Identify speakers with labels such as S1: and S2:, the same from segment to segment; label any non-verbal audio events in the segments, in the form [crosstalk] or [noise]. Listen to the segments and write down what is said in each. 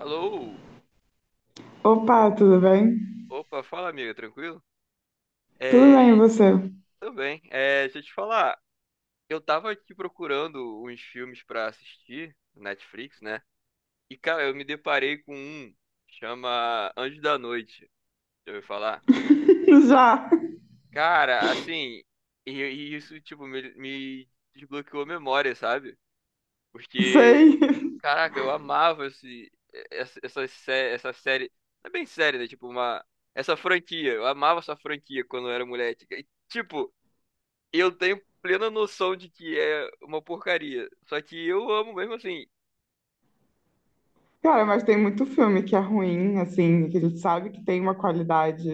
S1: Alô?
S2: Opa, tudo bem?
S1: Opa, fala amiga, tranquilo?
S2: Tudo
S1: É,
S2: bem, e você?
S1: tudo bem. Deixa eu te falar, eu tava aqui procurando uns filmes pra assistir no Netflix, né? E cara, eu me deparei com um, chama Anjo da Noite, deixa eu falar.
S2: [laughs] Já,
S1: Cara, assim, e isso tipo me desbloqueou a memória, sabe? Porque,
S2: sei.
S1: caraca, eu amava esse, essa, sé- essa série, não é bem série, né? Essa franquia, eu amava essa franquia quando eu era moleque. E, tipo eu tenho plena noção de que é uma porcaria. Só que eu amo mesmo assim.
S2: Cara, mas tem muito filme que é ruim, assim, que a gente sabe que tem uma qualidade,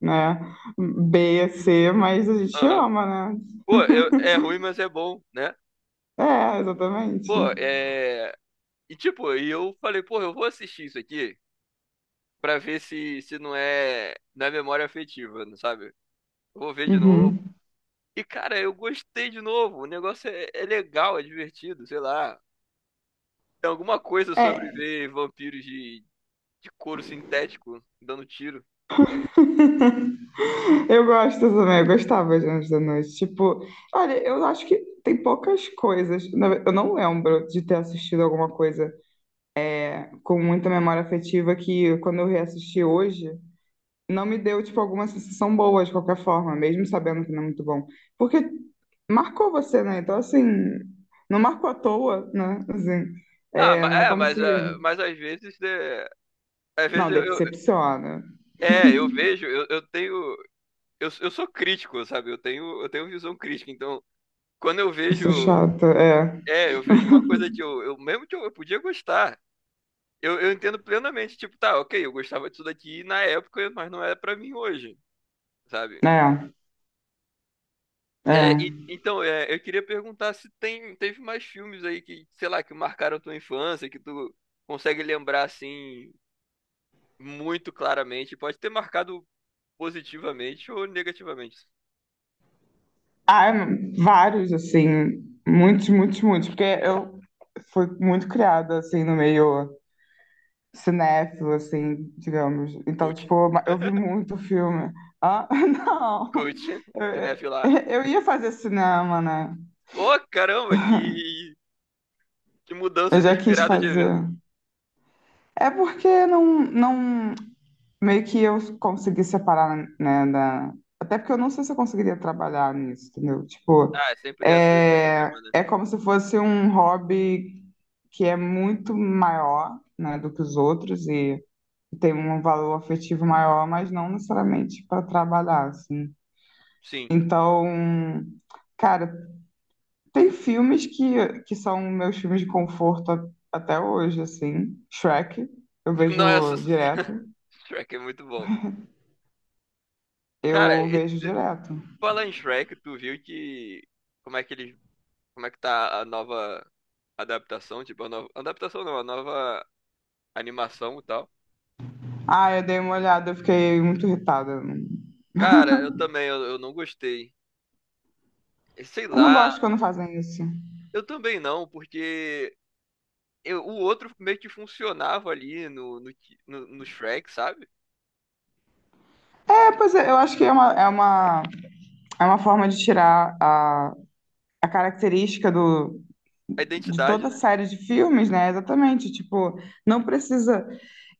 S2: né, B, C, mas a gente
S1: Aham.
S2: ama, né?
S1: Pô, é ruim, mas é bom, né?
S2: É, exatamente.
S1: Pô, é. E tipo, e eu falei, pô, eu vou assistir isso aqui pra ver se não é, não é memória afetiva, não sabe? Eu vou ver de novo.
S2: Uhum.
S1: E cara, eu gostei de novo. O negócio é legal, é divertido, sei lá. Tem alguma coisa sobre
S2: É,
S1: ver vampiros de couro sintético dando tiro.
S2: [laughs] eu gosto também, eu gostava de Anjos da Noite. Tipo, olha, eu acho que tem poucas coisas. Eu não lembro de ter assistido alguma coisa com muita memória afetiva que quando eu reassisti hoje. Não me deu, tipo, alguma sensação boa de qualquer forma, mesmo sabendo que não é muito bom. Porque marcou você, né? Então, assim, não marcou à toa, né? Assim,
S1: Ah,
S2: é,
S1: mas,
S2: não é
S1: é,
S2: como
S1: mas,
S2: se.
S1: ah, mas às vezes, né, às vezes
S2: Não, decepciona.
S1: é, eu vejo, eu tenho. Eu sou crítico, sabe? Eu tenho visão crítica. Então, quando eu
S2: Eu
S1: vejo.
S2: sou chata, é.
S1: É, eu vejo uma coisa que eu mesmo que eu podia gostar. Eu entendo plenamente, tipo, tá, ok, eu gostava disso daqui na época, mas não é pra mim hoje, sabe?
S2: É,
S1: É,
S2: é.
S1: então, é, eu queria perguntar se teve mais filmes aí que, sei lá, que marcaram tua infância, que tu consegue lembrar assim muito claramente. Pode ter marcado positivamente ou negativamente.
S2: Ah, é, vários, assim, muitos, muitos, muitos, porque eu fui muito criada, assim, no meio cinéfilo, assim, digamos. Então,
S1: Cult.
S2: tipo, eu vi muito filme. Ah, [laughs] não!
S1: Cult. [laughs] Cinéfilo.
S2: Eu ia fazer cinema, né?
S1: Ô, caramba, que mudança
S2: Eu já quis
S1: inesperada de evento.
S2: fazer. É porque não, não. Meio que eu consegui separar, né? Da. Até porque eu não sei se eu conseguiria trabalhar nisso, entendeu? Tipo,
S1: Ah, é sempre essa, esse
S2: é,
S1: dilema, né?
S2: é como se fosse um hobby que é muito maior, né, do que os outros e. Tem um valor afetivo maior, mas não necessariamente para trabalhar, assim.
S1: Sim.
S2: Então, cara, tem filmes que são meus filmes de conforto até hoje, assim. Shrek, eu
S1: Nossa,
S2: vejo direto.
S1: [laughs] Shrek é muito bom. Cara,
S2: Eu
S1: e
S2: vejo direto.
S1: falar em Shrek, tu viu que. Como é que eles. Como é que tá a nova adaptação? Tipo, a nova. Adaptação não, a nova animação e tal.
S2: Ah, eu dei uma olhada, eu fiquei muito irritada. Eu não
S1: Cara, eu também, eu não gostei. Sei
S2: eu não
S1: lá,
S2: gosto quando fazem isso.
S1: eu também não, porque o outro meio que funcionava ali no Shrek, sabe?
S2: É, pois é, eu acho que é uma forma de tirar a característica do,
S1: A
S2: de
S1: identidade,
S2: toda a
S1: né?
S2: série de filmes, né? Exatamente. Tipo, não precisa.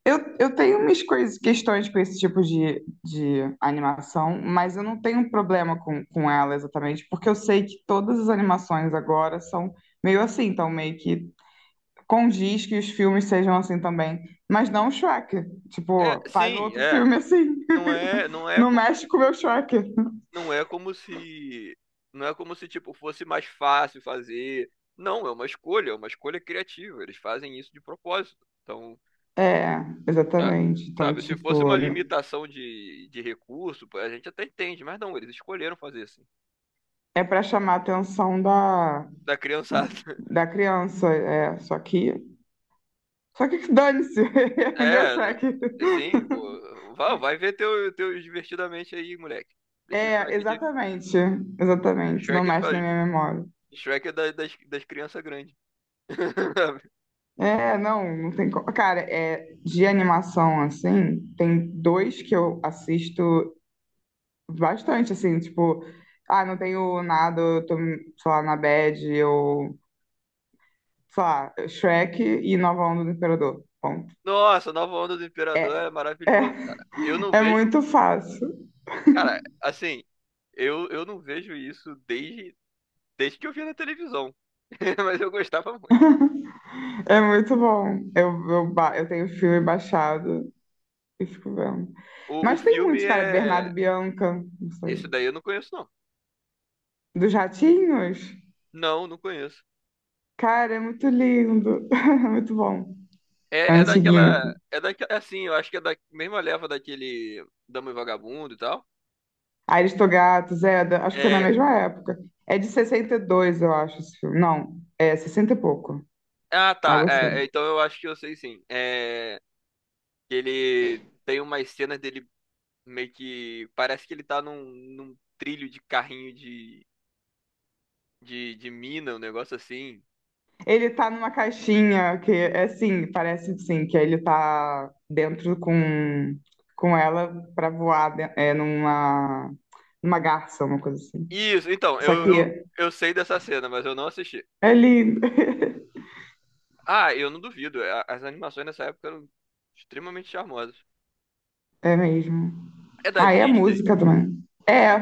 S2: Eu tenho umas coisas, questões com esse tipo de animação, mas eu não tenho um problema com ela exatamente, porque eu sei que todas as animações agora são meio assim, então meio que condiz que os filmes sejam assim também. Mas não o Shrek.
S1: É,
S2: Tipo, faz
S1: sim,
S2: outro
S1: é.
S2: filme assim. [laughs]
S1: Não é
S2: Não
S1: como,
S2: mexe com o meu Shrek.
S1: não é como se, não é como se tipo fosse mais fácil fazer. Não, é uma escolha criativa. Eles fazem isso de propósito. Então,
S2: É,
S1: tá-
S2: exatamente. Então,
S1: sabe, se fosse uma
S2: tipo,
S1: Limitação de recurso, pô, a gente até entende, mas não, eles escolheram fazer assim.
S2: é pra chamar a atenção da,
S1: Da criançada. [laughs]
S2: da criança. É, só que. Só que dane-se, [laughs] é meu
S1: É,
S2: Shrek.
S1: assim, pô, vai ver teus divertidamente aí, moleque. Deixa o
S2: É,
S1: Shrek de,
S2: exatamente, exatamente, não
S1: Shrek é pra,
S2: mexe na minha memória.
S1: Shrek é das crianças grandes. [laughs]
S2: É, não, não tem como. Cara, é, de animação, assim, tem dois que eu assisto bastante, assim, tipo, ah, não tenho nada, eu tô, sei lá, na bad, eu, sei lá, Shrek e Nova Onda do Imperador, ponto.
S1: Nossa, Nova Onda do Imperador é
S2: É, é,
S1: maravilhoso, cara. Eu
S2: [laughs]
S1: não
S2: é
S1: vejo,
S2: muito fácil,
S1: cara, assim, eu não vejo isso desde, desde que eu vi na televisão. [laughs] Mas eu gostava muito.
S2: é muito bom. Eu tenho o filme baixado e fico vendo.
S1: O
S2: Mas tem
S1: filme
S2: muitos, cara, Bernardo
S1: é.
S2: e Bianca, não sei.
S1: Esse daí eu não conheço, não.
S2: Dos ratinhos?
S1: Não, não conheço.
S2: Cara, é muito lindo. [laughs] É muito bom. É
S1: É, é
S2: antiguinho.
S1: daquela. É daquela. Assim, eu acho que é da mesma leva daquele Dama e Vagabundo e tal.
S2: Aristogato, Zeda, acho que foi na
S1: É.
S2: mesma época. É de 62, eu acho, esse filme. Não, é 60 e pouco,
S1: Ah, tá.
S2: algo
S1: É, é,
S2: assim.
S1: então eu acho que eu sei sim. É. Que ele tem umas cenas dele meio que parece que ele tá num, num trilho de carrinho de mina, um negócio assim.
S2: Ele tá numa caixinha que é assim, parece sim, que ele tá dentro com ela pra voar numa garça, uma coisa assim.
S1: Isso, então,
S2: Só que
S1: eu sei dessa cena, mas eu não assisti.
S2: é lindo,
S1: Ah, eu não duvido, é, as animações nessa época eram extremamente charmosas.
S2: [laughs] é mesmo.
S1: É da
S2: Ah, e a
S1: Disney?
S2: música também. É,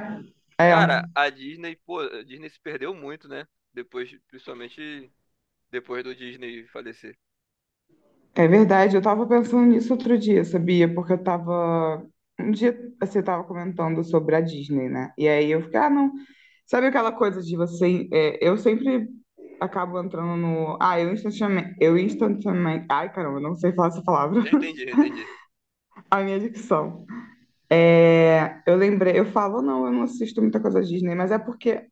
S2: é.
S1: Cara, a Disney, pô, a Disney se perdeu muito, né? Depois, principalmente depois do Disney falecer.
S2: É verdade, eu tava pensando nisso outro dia, sabia? Porque eu tava. Um dia você tava comentando sobre a Disney, né? E aí eu fiquei, ah, não. Sabe aquela coisa de você. Eu sempre acabo entrando no. Ah, eu instantaneamente. Eu instantaneamente. Ai, caramba, eu não sei falar essa palavra.
S1: Eu entendi.
S2: [laughs] A minha dicção. É, eu lembrei, eu falo, não, eu não assisto muita coisa Disney, mas é porque.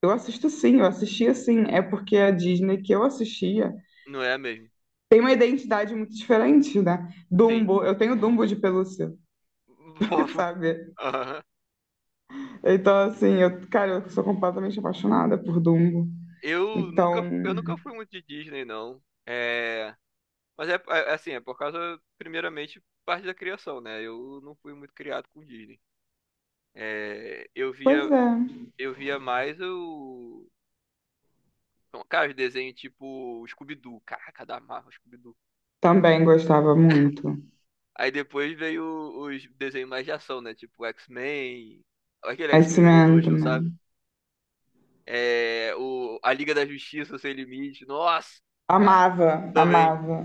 S2: Eu assisto sim, eu assistia sim. É porque a Disney que eu assistia
S1: Não é mesmo?
S2: tem uma identidade muito diferente, né?
S1: Sim.
S2: Dumbo, eu tenho Dumbo de pelúcia.
S1: [laughs]
S2: [laughs]
S1: Fofo.
S2: sabe?
S1: Aham.
S2: Então, assim, eu, cara, eu sou completamente apaixonada por Dumbo. Então,
S1: Eu nunca fui muito de Disney, não. É. Mas é, assim, é por causa, primeiramente, parte da criação, né? Eu não fui muito criado com Disney. É,
S2: pois é.
S1: eu via mais o. Então, cara, os desenhos tipo Scooby-Doo. Caraca, da Marvel, Scooby-Doo.
S2: Também gostava muito.
S1: Aí depois veio os desenhos mais de ação, né? Tipo X-Men, aquele X-Men
S2: X-Men
S1: Evolution, sabe?
S2: também.
S1: É, a Liga da Justiça Sem Limite. Nossa! Senhora,
S2: Amava,
S1: também.
S2: amava.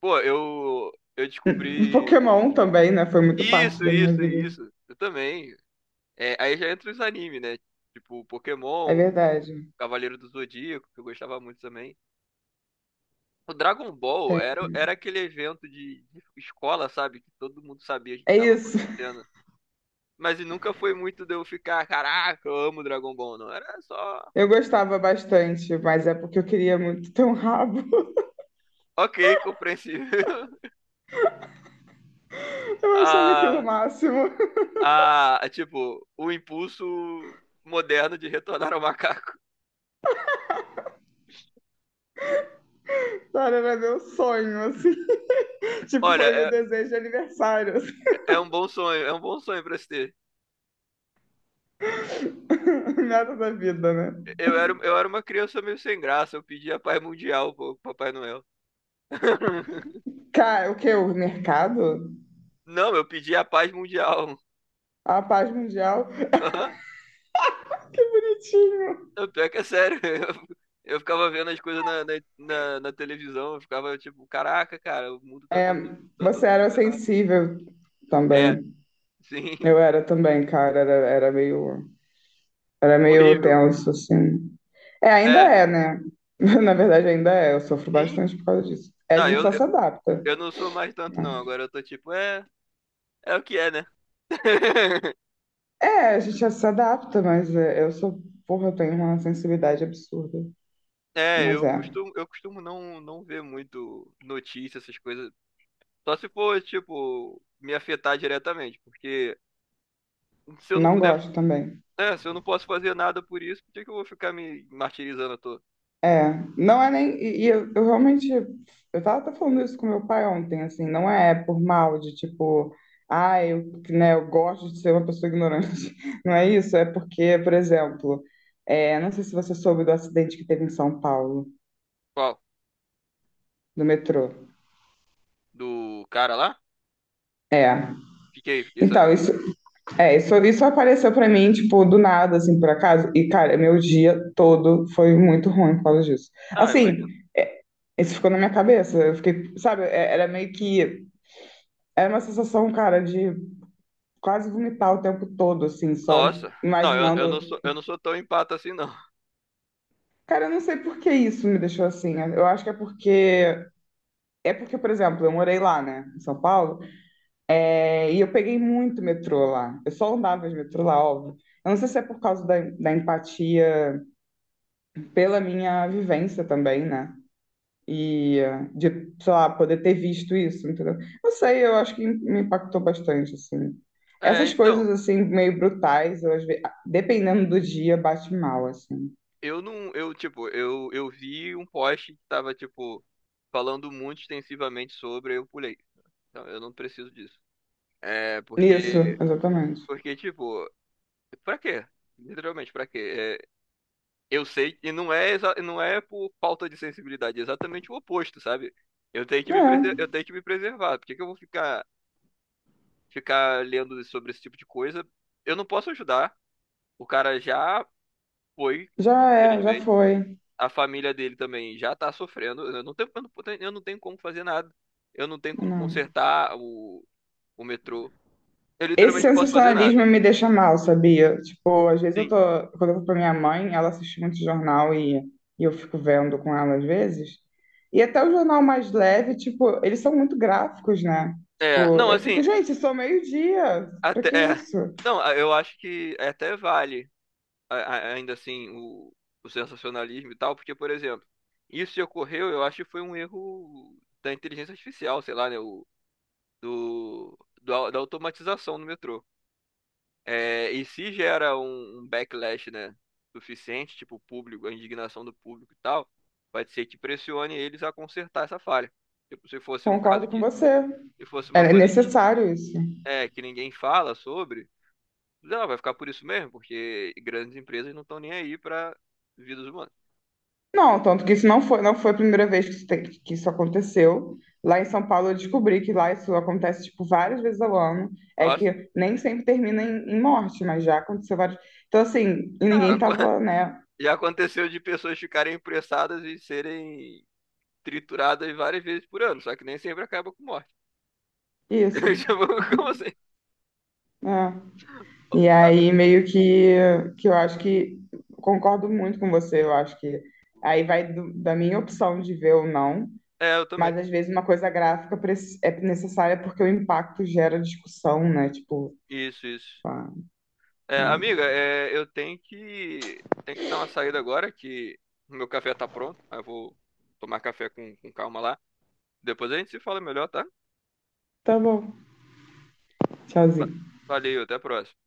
S1: Pô, eu descobri.
S2: Pokémon também, né? Foi muito parte
S1: Isso,
S2: da minha
S1: isso,
S2: vida.
S1: isso. Eu também. É, aí já entra os animes, né? Tipo,
S2: É
S1: Pokémon,
S2: verdade.
S1: Cavaleiro do Zodíaco, que eu gostava muito também. O Dragon Ball
S2: Tem.
S1: era aquele evento de escola, sabe? Que todo mundo sabia o que
S2: É
S1: estava
S2: isso. [laughs]
S1: acontecendo. Mas e nunca foi muito de eu ficar, caraca, eu amo Dragon Ball, não. Era só,
S2: Eu gostava bastante, mas é porque eu queria muito ter um rabo. [laughs]
S1: ok, compreensível. [laughs]
S2: Eu achava aquilo o
S1: Ah,
S2: máximo.
S1: ah, tipo, o impulso moderno de retornar ao macaco.
S2: [laughs] Cara, era meu sonho, assim. [laughs] Tipo,
S1: Olha,
S2: foi meu
S1: é,
S2: desejo de aniversário, assim.
S1: é um bom sonho, é um bom sonho pra se ter.
S2: [laughs] Nada da vida, né?
S1: Eu era uma criança meio sem graça, eu pedia a paz mundial pro Papai Noel. [laughs]
S2: Cara, o que? O mercado?
S1: Não, eu pedia a paz mundial. [laughs]
S2: A paz mundial? [laughs]
S1: Aham.
S2: Que bonitinho.
S1: Eu, pior que é sério. Eu ficava vendo as coisas na televisão, eu ficava tipo, caraca, cara, o mundo
S2: É,
S1: tá
S2: você
S1: todo
S2: era
S1: ferrado.
S2: sensível
S1: É,
S2: também. Eu
S1: sim,
S2: era também, cara. Era, era meio, era
S1: [laughs]
S2: meio
S1: horrível.
S2: tenso, assim. É, ainda
S1: É,
S2: é, né? [laughs] Na verdade, ainda é. Eu sofro
S1: sim.
S2: bastante por causa disso. É, a
S1: Não,
S2: gente só se adapta.
S1: eu não sou mais tanto, não.
S2: Mas.
S1: Agora eu tô tipo, é, é o que é, né? [laughs]
S2: É, a gente já se adapta, mas é, eu sou. Porra, eu tenho uma sensibilidade absurda.
S1: É,
S2: Mas é.
S1: eu costumo não, não ver muito notícias, essas coisas. Só se for, tipo, me afetar diretamente, porque se eu não
S2: Não
S1: puder,
S2: gosto também.
S1: né, se eu não posso fazer nada por isso, por que que eu vou ficar me martirizando à toa?
S2: É, não é nem. E eu realmente. Eu tava até falando isso com meu pai ontem, assim, não é por mal de tipo. Ah, eu, né, eu gosto de ser uma pessoa ignorante. [laughs] Não é isso, é porque, por exemplo, não sei se você soube do acidente que teve em São Paulo,
S1: Qual?
S2: do metrô.
S1: Do cara lá?
S2: É.
S1: Fiquei, fiquei
S2: Então,
S1: sabendo.
S2: isso apareceu pra mim, tipo, do nada, assim, por acaso. E, cara, meu dia todo foi muito ruim por causa disso.
S1: Ah,
S2: Assim,
S1: imagina.
S2: é, isso ficou na minha cabeça. Eu fiquei, sabe, era meio que. Era uma sensação, cara, de quase vomitar o tempo todo, assim, só
S1: Nossa. Não,
S2: imaginando.
S1: eu não sou tão empata assim, não.
S2: Cara, eu não sei por que isso me deixou assim. Eu acho que é porque. É porque, por exemplo, eu morei lá, né, em São Paulo, e eu peguei muito metrô lá. Eu só andava de metrô lá, óbvio. Eu não sei se é por causa da, empatia pela minha vivência também, né? E de, sei lá, poder ter visto isso, entendeu? Não sei, eu acho que me impactou bastante, assim.
S1: É,
S2: Essas
S1: então,
S2: coisas, assim, meio brutais, eu, dependendo do dia, bate mal, assim.
S1: eu não, eu, tipo, eu vi um post que tava, tipo, falando muito extensivamente sobre, eu pulei. Então, eu não preciso disso. É,
S2: Isso,
S1: porque,
S2: exatamente.
S1: porque, tipo, pra quê? Literalmente, pra quê? Eu sei, e não é, não é por falta de sensibilidade, é exatamente o oposto, sabe? Eu tenho que me,
S2: É,
S1: eu tenho que me preservar. Por que que eu vou ficar, ficar lendo sobre esse tipo de coisa? Eu não posso ajudar. O cara já foi,
S2: é, já
S1: infelizmente.
S2: foi.
S1: A família dele também já tá sofrendo. Eu não tenho como fazer nada. Eu não tenho como
S2: Não.
S1: consertar o metrô. Eu
S2: Esse
S1: literalmente não posso fazer
S2: sensacionalismo
S1: nada.
S2: me deixa mal, sabia? Tipo, às vezes eu
S1: Sim.
S2: tô. Quando eu vou pra minha mãe, ela assiste muito jornal e eu fico vendo com ela às vezes. E até o jornal mais leve, tipo, eles são muito gráficos, né?
S1: É,
S2: Tipo,
S1: não,
S2: eu
S1: assim,
S2: fico, gente, sou meio-dia. Pra
S1: até.
S2: que
S1: É.
S2: isso?
S1: Não, eu acho que é até vale. Ainda assim o sensacionalismo e tal, porque, por exemplo, isso que ocorreu, eu acho que foi um erro da inteligência artificial, sei lá, né, do da automatização no metrô. É, e se gera um backlash, né, suficiente, tipo o público, a indignação do público e tal, pode ser que pressione eles a consertar essa falha. Tipo, se fosse um caso
S2: Concordo com
S1: que,
S2: você.
S1: se fosse uma
S2: É
S1: coisa que,
S2: necessário isso.
S1: é, que ninguém fala sobre, não, vai ficar por isso mesmo, porque grandes empresas não estão nem aí para vidas humanas.
S2: Não, tanto que isso não foi a primeira vez que isso aconteceu. Lá em São Paulo eu descobri que lá isso acontece, tipo, várias vezes ao ano. É
S1: Nossa,
S2: que nem sempre termina em morte, mas já aconteceu várias. Então, assim, e
S1: ah.
S2: ninguém
S1: [laughs]
S2: tava, né?
S1: Já aconteceu de pessoas ficarem pressadas e serem trituradas várias vezes por ano, só que nem sempre acaba com morte. [laughs]
S2: Isso,
S1: Tipo, como assim?
S2: né? E aí, meio que eu acho que. Concordo muito com você, eu acho que. Aí vai da minha opção de ver ou não.
S1: É, eu também.
S2: Mas, às vezes, uma coisa gráfica é necessária porque o impacto gera discussão, né? Tipo,
S1: Isso, isso.
S2: pá,
S1: É,
S2: mas.
S1: amiga, é, tenho que dar uma saída agora, que o meu café tá pronto. Aí eu vou tomar café com calma lá. Depois a gente se fala melhor, tá?
S2: Tá bom.
S1: Va-
S2: Tchauzinho.
S1: Valeu, até a próxima.